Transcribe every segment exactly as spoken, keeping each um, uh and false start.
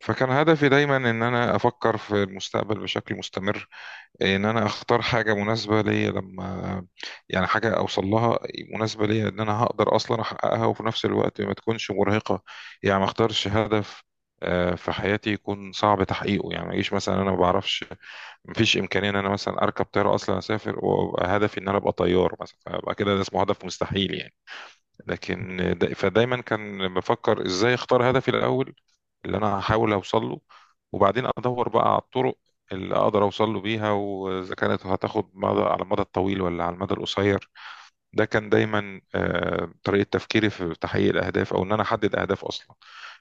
فكان هدفي دايما ان انا افكر في المستقبل بشكل مستمر، ان انا اختار حاجه مناسبه ليا. لما يعني حاجه اوصل لها، مناسبه ليا، ان انا هقدر اصلا احققها وفي نفس الوقت ما تكونش مرهقه. يعني ما اختارش هدف آه، في حياتي يكون صعب تحقيقه. يعني ما يجيش مثلا، انا ما بعرفش، ما فيش امكانيه ان انا مثلا اركب طياره اصلا اسافر وابقى هدفي ان انا ابقى طيار مثلا، فابقى كده ده اسمه هدف مستحيل يعني. لكن دا- فدايما كان بفكر ازاي اختار هدفي الاول اللي انا هحاول اوصل له، وبعدين ادور بقى على الطرق اللي اقدر اوصل له بيها، واذا كانت هتاخد مدى على المدى الطويل ولا على المدى القصير. ده كان دايما آه، طريقة تفكيري في تحقيق الاهداف، او ان انا احدد اهداف اصلا.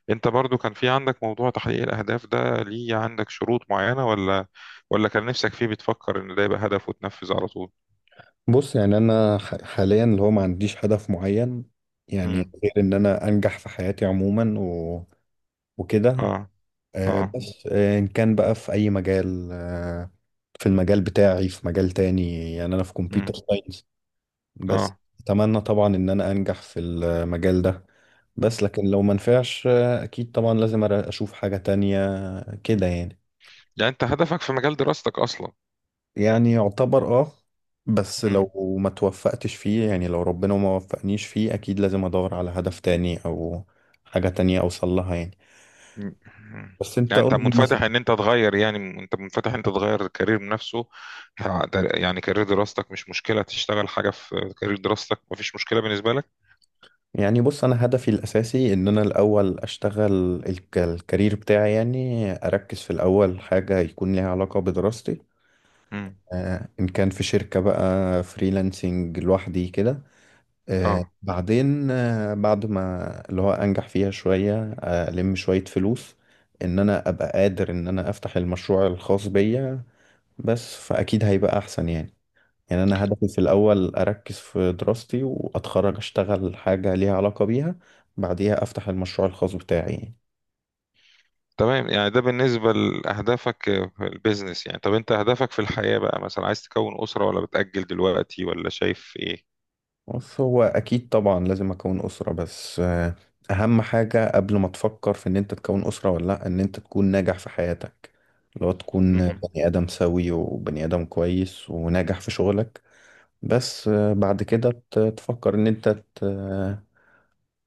انت برضو كان في عندك موضوع تحقيق الاهداف ده ليه؟ عندك شروط معينة، ولا ولا كان نفسك فيه بتفكر ان ده يبقى هدف وتنفذ على طول؟ بص، يعني انا ح- حاليا اللي هو ما عنديش هدف معين. يعني امم. غير ان انا انجح في حياتي عموما و... وكده اه. اه. آه، بس آه، ان كان بقى في اي مجال، آه، في المجال بتاعي، في مجال تاني. يعني انا في كمبيوتر امم. ساينس. بس اه. اتمنى طبعا ان انا انجح في المجال ده. بس لكن لو ما نفعش، آه، اكيد طبعا لازم أر- اشوف حاجة تانية كده. يعني يعني انت هدفك في مجال دراستك اصلا. يعني يعتبر اه. بس لو ما توفقتش فيه، يعني لو ربنا ما وفقنيش فيه، اكيد لازم ادور على هدف تاني او حاجة تانية اوصل لها يعني. م- بس انت يعني انت قول لي مثلا. منفتح ان انت تغير، يعني انت منفتح ان انت تغير الكارير بنفسه. ه- در- يعني كارير دراستك مش مشكلة، تشتغل حاجة في كارير دراستك مفيش مشكلة بالنسبة لك. يعني بص، انا هدفي الاساسي ان انا الاول اشتغل الك- الكارير بتاعي. يعني اركز في الاول حاجة يكون ليها علاقة بدراستي، امم. آه، ان كان في شركة بقى، فريلانسنج لوحدي كده. آه، اه. بعدين، آه، بعد ما اللي هو انجح فيها شوية، آه، الم شوية فلوس، ان انا ابقى قادر ان انا افتح المشروع الخاص بيا. بس فاكيد هيبقى احسن يعني. يعني انا هدفي في الاول اركز في دراستي واتخرج، اشتغل حاجة ليها علاقة بيها، بعديها افتح المشروع الخاص بتاعي يعني. تمام، يعني ده بالنسبة لأهدافك في البيزنس. يعني طب انت أهدافك في الحياة بقى، مثلا عايز تكون أسرة، ولا بتأجل دلوقتي، ولا شايف ايه؟ بص، هو اكيد طبعا لازم اكون اسره، بس آه، اهم حاجه قبل ما تفكر في ان انت تكون اسره ولا لا، ان انت تكون ناجح في حياتك، لو تكون امم. بني ادم سوي وبني ادم كويس وناجح في شغلك. بس آه، بعد كده ت- تفكر ان انت ت-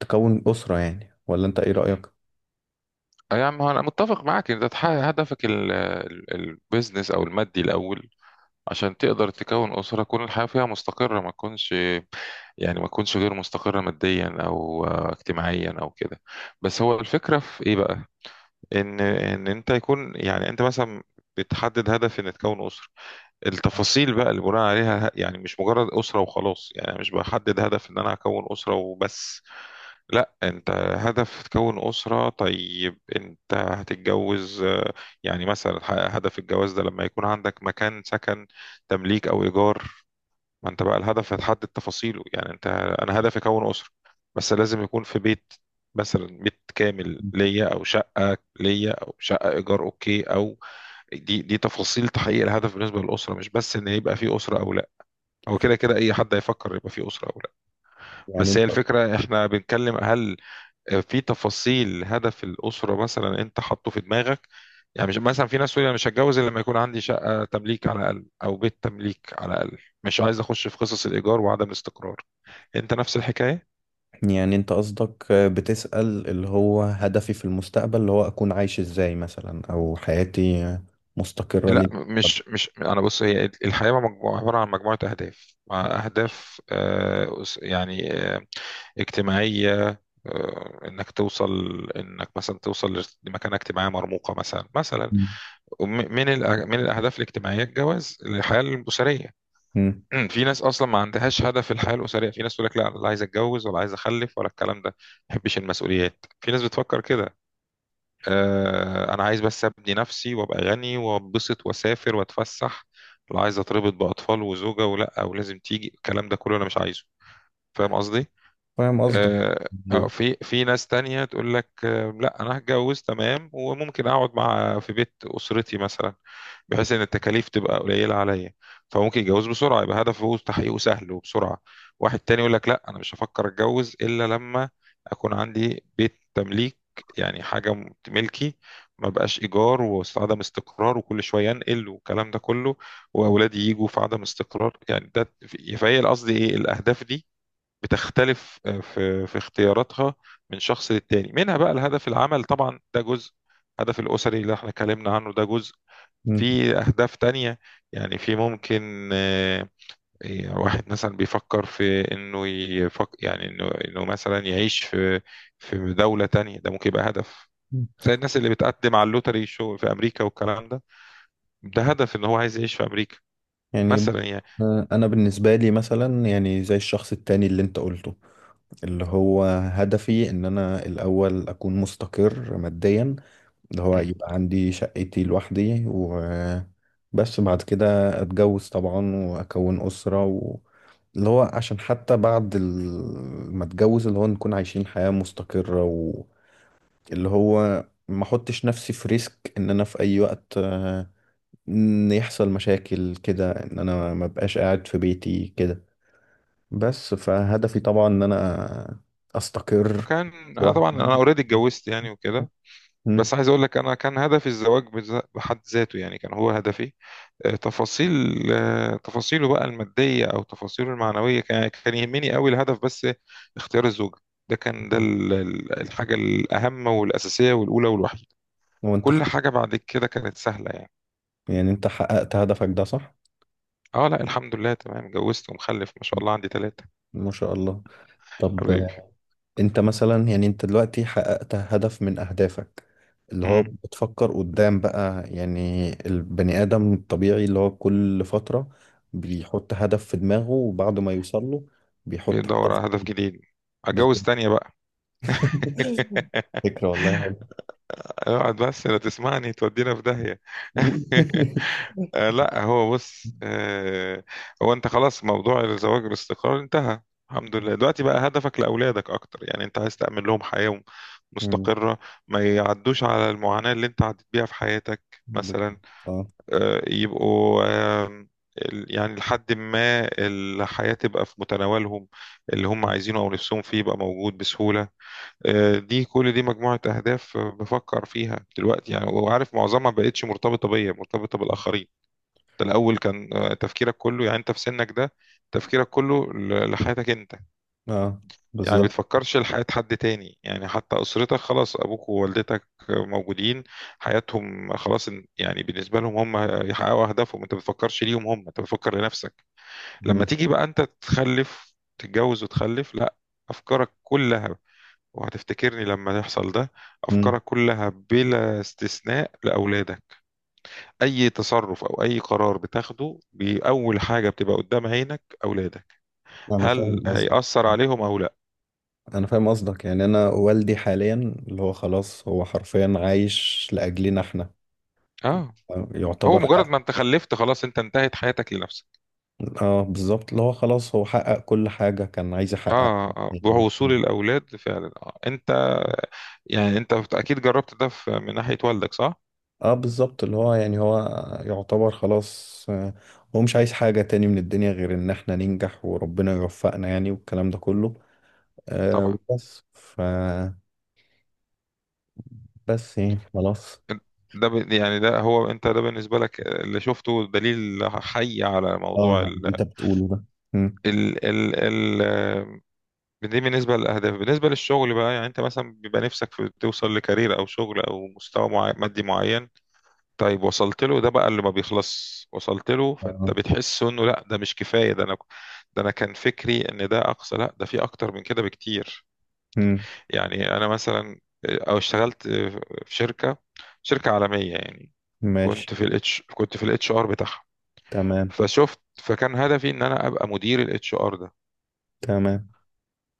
تكون اسره يعني. ولا انت ايه رايك؟ اه يا عم، انا متفق معاك ان ده تحقق هدفك ال- ال- البيزنس او المادي الاول عشان تقدر تكون أسرة، تكون الحياة فيها مستقرة، ما تكونش، يعني ما تكونش غير مستقرة ماديا أو آه، اجتماعيا أو كده. بس هو الفكرة في إيه بقى؟ إن إن أنت يكون، يعني أنت مثلا بتحدد هدف إن تكون أسرة. التفاصيل بقى اللي بناء عليها، ه- يعني مش مجرد أسرة وخلاص، يعني أنا مش بحدد هدف إن أنا هكون أسرة وبس. لا انت، هدف تكون أسرة، طيب انت هتتجوز آه، يعني مثلا، ه- هدف الجواز ده لما يكون عندك مكان سكن، تمليك او ايجار. ما انت بقى الهدف هتحدد تفاصيله، يعني انت، انا هدفي اكون اسره بس لازم يكون في بيت، مثلا بيت كامل ليا او شقه ليا او شقه ايجار اوكي او، دي دي تفاصيل تحقيق الهدف بالنسبه للاسره، مش بس ان يبقى في اسره او لا. هو كده كده اي حد هيفكر يبقى في اسره او لا، يعني بس انت هي الفكره احنا بنتكلم هل آه، في تفاصيل هدف الأسرة مثلا أنت حاطه في دماغك. يعني مش مثلا في ناس تقول أنا مش هتجوز إلا لما يكون عندي شقة تمليك على الأقل أو بيت تمليك على الأقل، مش عايز أخش في قصص الإيجار وعدم الاستقرار. أنت نفس الحكاية؟ يعني انت قصدك، آه، بتسال اللي هو هدفي في المستقبل، اللي هو اكون عايش ازاي مثلا، او حياتي آه، مستقره ليه. لا، مش، مش أنا بص، هي الحياة مجموعة، عبارة عن مجموعة أهداف، مع أهداف آه، أس- يعني آه، اجتماعية. آه، انك توصل، انك مثلا توصل لمكانه اجتماعيه مرموقه مثلا مثلا. وم- من الأ- من الاهداف الاجتماعيه الجواز، الحياه الاسريه. مم. امم، في ناس اصلا ما عندهاش هدف في الحياه الاسريه، في ناس تقول لك لا أنا لا عايز اتجوز ولا عايز اخلف ولا الكلام ده، ما بحبش المسؤوليات. في ناس بتفكر كده، آه انا عايز بس ابني نفسي وابقى غني وابسط واسافر واتفسح، لا عايز اتربط باطفال وزوجه ولا ولازم تيجي الكلام ده كله، انا مش عايزه. فاهم قصدي؟ فاهم قصدك. آه آه، أيوة. في في ناس تانية تقول لك آه لا انا هتجوز تمام وممكن اقعد مع، في بيت اسرتي مثلا، بحيث ان التكاليف تبقى قليله عليا. فممكن يتجوز بسرعه، يبقى هدفه تحقيقه سهل وبسرعه. واحد تاني يقول لك لا، انا مش هفكر اتجوز الا لما اكون عندي بيت تمليك، يعني حاجه م- ملكي، ما بقاش ايجار وعدم استقرار وكل شويه انقل والكلام ده كله، واولادي يجوا في عدم استقرار يعني ده. فهي قصدي ايه، الاهداف دي بتختلف آه، في في اختياراتها من شخص للتاني. منها بقى الهدف العمل، طبعا ده جزء، الهدف الاسري اللي احنا اتكلمنا عنه ده جزء، مم. في أهداف تانية. يعني في ممكن آه، إيه، واحد مثلا بيفكر في إنه يفك، يعني إنه إنه مثلا يعيش في في دولة تانية، ده ممكن يبقى هدف. مم. زي الناس اللي بتقدم على اللوتري شو في أمريكا والكلام ده، ده هدف إن هو عايز يعيش في أمريكا يعني ب- مثلا يعني. آه، انا بالنسبه لي مثلا، يعني زي الشخص التاني اللي انت قلته، اللي هو هدفي ان انا الاول اكون مستقر ماديا، اللي هو مم. يبقى عندي شقتي لوحدي وبس. بعد كده اتجوز طبعا واكون اسره و... اللي هو عشان حتى بعد ال- ما اتجوز، اللي هو نكون عايشين حياه مستقره، واللي هو ما احطش نفسي في ريسك. ان انا في اي وقت آه، ان يحصل مشاكل كده، ان انا ما بقاش قاعد في بيتي كده. بس فهدفي طبعا ان انا استقر كان، أنا طبعا أنا لوحدي. أوريدي اتجوزت يعني وكده، مم. بس عايز اقول لك انا كان هدفي الزواج بذ- بحد ذاته، يعني كان هو هدفي. آه، تفاصيل آه، تفاصيله بقى المادية او تفاصيله المعنوية، كان يعني كان يهمني قوي الهدف. بس اختيار الزوجة ده كان ده ال- ال- الحاجة الاهم والاساسية والاولى والوحيدة. وانت كل ح- حاجة بعد كده كانت سهلة يعني. يعني انت حققت هدفك ده، صح؟ اه لا الحمد لله تمام، اتجوزت، ومخلف ما شاء الله عندي ثلاثة ما شاء الله. طب حبيبي. آه، انت مثلا، يعني انت دلوقتي حققت هدف من اهدافك. اللي هو امم، بتفكر قدام بقى، يعني البني ادم الطبيعي اللي هو كل فترة بيحط هدف في دماغه، وبعد ما يوصل له بيحط بيدور على هدف جديد، هدف اتجوز تانية بقى. فكرة والله حلوة. اقعد بس لا تسمعني تودينا في داهية. آه، لا هو بص، آه، هو انت خلاص موضوع الزواج باستقرار انتهى الحمد لله. دلوقتي بقى هدفك لأولادك أكتر، يعني أنت عايز تأمن لهم حياة مم. مستقرة، ما يعدوش على المعاناة اللي أنت عديت بيها في حياتك مثلا، اه، آه، يبقوا، آم، ال- يعني لحد ما الحياة تبقى في متناولهم، اللي هم عايزينه أو نفسهم فيه يبقى موجود بسهولة. آه، دي كل دي مجموعة أهداف آه، بفكر فيها دلوقتي يعني، وعارف معظمها ما بقتش مرتبطة بيا، مرتبطة بالآخرين. ده الأول كان آه، تفكيرك كله، يعني أنت في سنك ده تفكيرك كله ل- لحياتك أنت. اه، يعني ما بالظبط. بتفكرش لحياة حد تاني، يعني حتى أسرتك خلاص أبوك ووالدتك آه، موجودين، حياتهم خلاص، إن- يعني بالنسبة لهم هم يحققوا أهدافهم، أنت ما بتفكرش ليهم هم، أنت بتفكر لنفسك. لما مم. تيجي بقى أنت تخلف، تتجوز وتخلف، لا، أفكارك كلها، وهتفتكرني لما يحصل ده، مم. أفكارك كلها بلا استثناء لأولادك. أي تصرف أو أي قرار بتاخده بأول حاجة بتبقى قدام عينك أولادك، انا هل فاهم قصدك هيأثر عليهم أو لا. انا فاهم قصدك يعني انا والدي حاليا، اللي هو خلاص، هو حرفيا عايش لاجلنا احنا. آه، هو يعتبر مجرد حقق. ما انت خلفت خلاص انت انتهت حياتك لنفسك. اه بالظبط، اللي هو خلاص هو حقق كل حاجة كان عايز يحققها اه آه، يعني. بوصول الاولاد فعلا آه. انت يعني انت اكيد جربت ده في من ناحية والدك صح؟ اه بالظبط اللي هو يعني هو يعتبر خلاص، آه، هو مش عايز حاجة تاني من الدنيا غير ان احنا ننجح وربنا يوفقنا يعني والكلام ده كله. آه. طبعا. وبس ف بس يعني خلاص. ده ب- يعني ده هو انت، ده بالنسبة لك اللي شفته دليل حي على موضوع. اه، اللي انت بتقوله ده. مم. ال ال ال دي بالنسبة للأهداف. بالنسبة للشغل بقى يعني أنت مثلا بيبقى نفسك في توصل لكارير أو شغل أو مستوى معي مادي معين، طيب وصلت له. ده بقى اللي ما بيخلص، وصلت له فأنت اه. بتحس إنه لا ده مش كفاية، ده أنا ده أنا كان فكري إن ده أقصى، لا ده في أكتر من كده بكتير. مم. يعني أنا مثلا، أو اشتغلت في شركة شركة عالمية يعني، ماشي. كنت في الاتش كنت في الاتش ار بتاعها. تمام. فشفت، فكان هدفي ان انا ابقى مدير الاتش ار ده. تمام.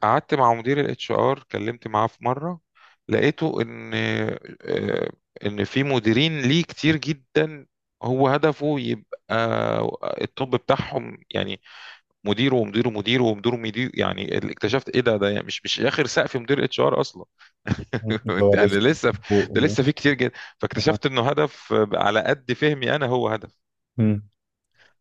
قعدت مع مدير الاتش ار، كلمت معاه في مره، لقيته ان آه، ان في مديرين ليه كتير جدا، هو هدفه يبقى التوب بتاعهم يعني، مديره ومديره ومديره ومديره ومديره. يعني اللي اكتشفت ايه، ده ده يعني مش مش اخر سقف مدير اتش ار اصلا. مم. هو يعني لسه لسه، فوق ده هو. لسه في كتير جدا. آه. فاكتشفت انه هدف على قد فهمي انا هو هدف، مم.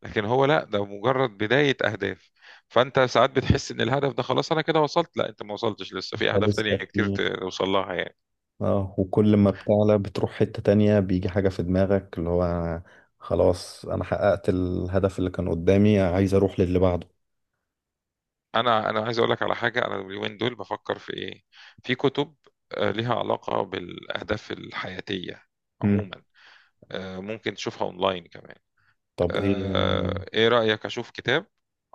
لكن هو لا، ده مجرد بداية أهداف. فأنت ساعات بتحس إن الهدف ده خلاص أنا كده وصلت، لا أنت ما وصلتش، لسه في أهداف تانية لسه كتير في توصل لها يعني. اه، وكل ما بتعلى بتروح حتة تانية، بيجي حاجة في دماغك اللي هو أنا خلاص أنا حققت الهدف اللي كان قدامي، عايز أروح للي بعده. أنا أنا عايز أقول لك على حاجة، أنا اليومين دول بفكر في إيه، في كتب آه، ليها علاقة بالأهداف الحياتية مم. عموما، آه، ممكن تشوفها أونلاين كمان. طب إيه. آه، إيه رأيك أشوف كتاب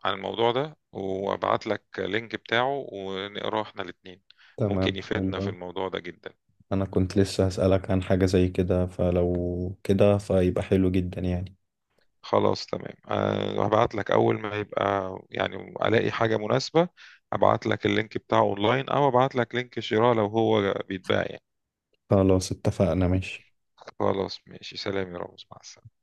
عن الموضوع ده وأبعت لك لينك بتاعه ونقراه إحنا الاتنين؟ تمام ممكن حلو يفيدنا في أوي. الموضوع ده جدا. أنا كنت لسه هسألك عن حاجة زي كده، فلو كده فيبقى حلو جدا يعني. خلاص تمام، أه هبعت لك أول ما يبقى يعني ألاقي حاجة مناسبة. هبعت لك اللينك بتاعه أونلاين، أو هبعت لك لينك شراء لو هو بيتباع يعني. خلاص اتفقنا ماشي. خلاص ماشي سلام يا رامز مع السلامة.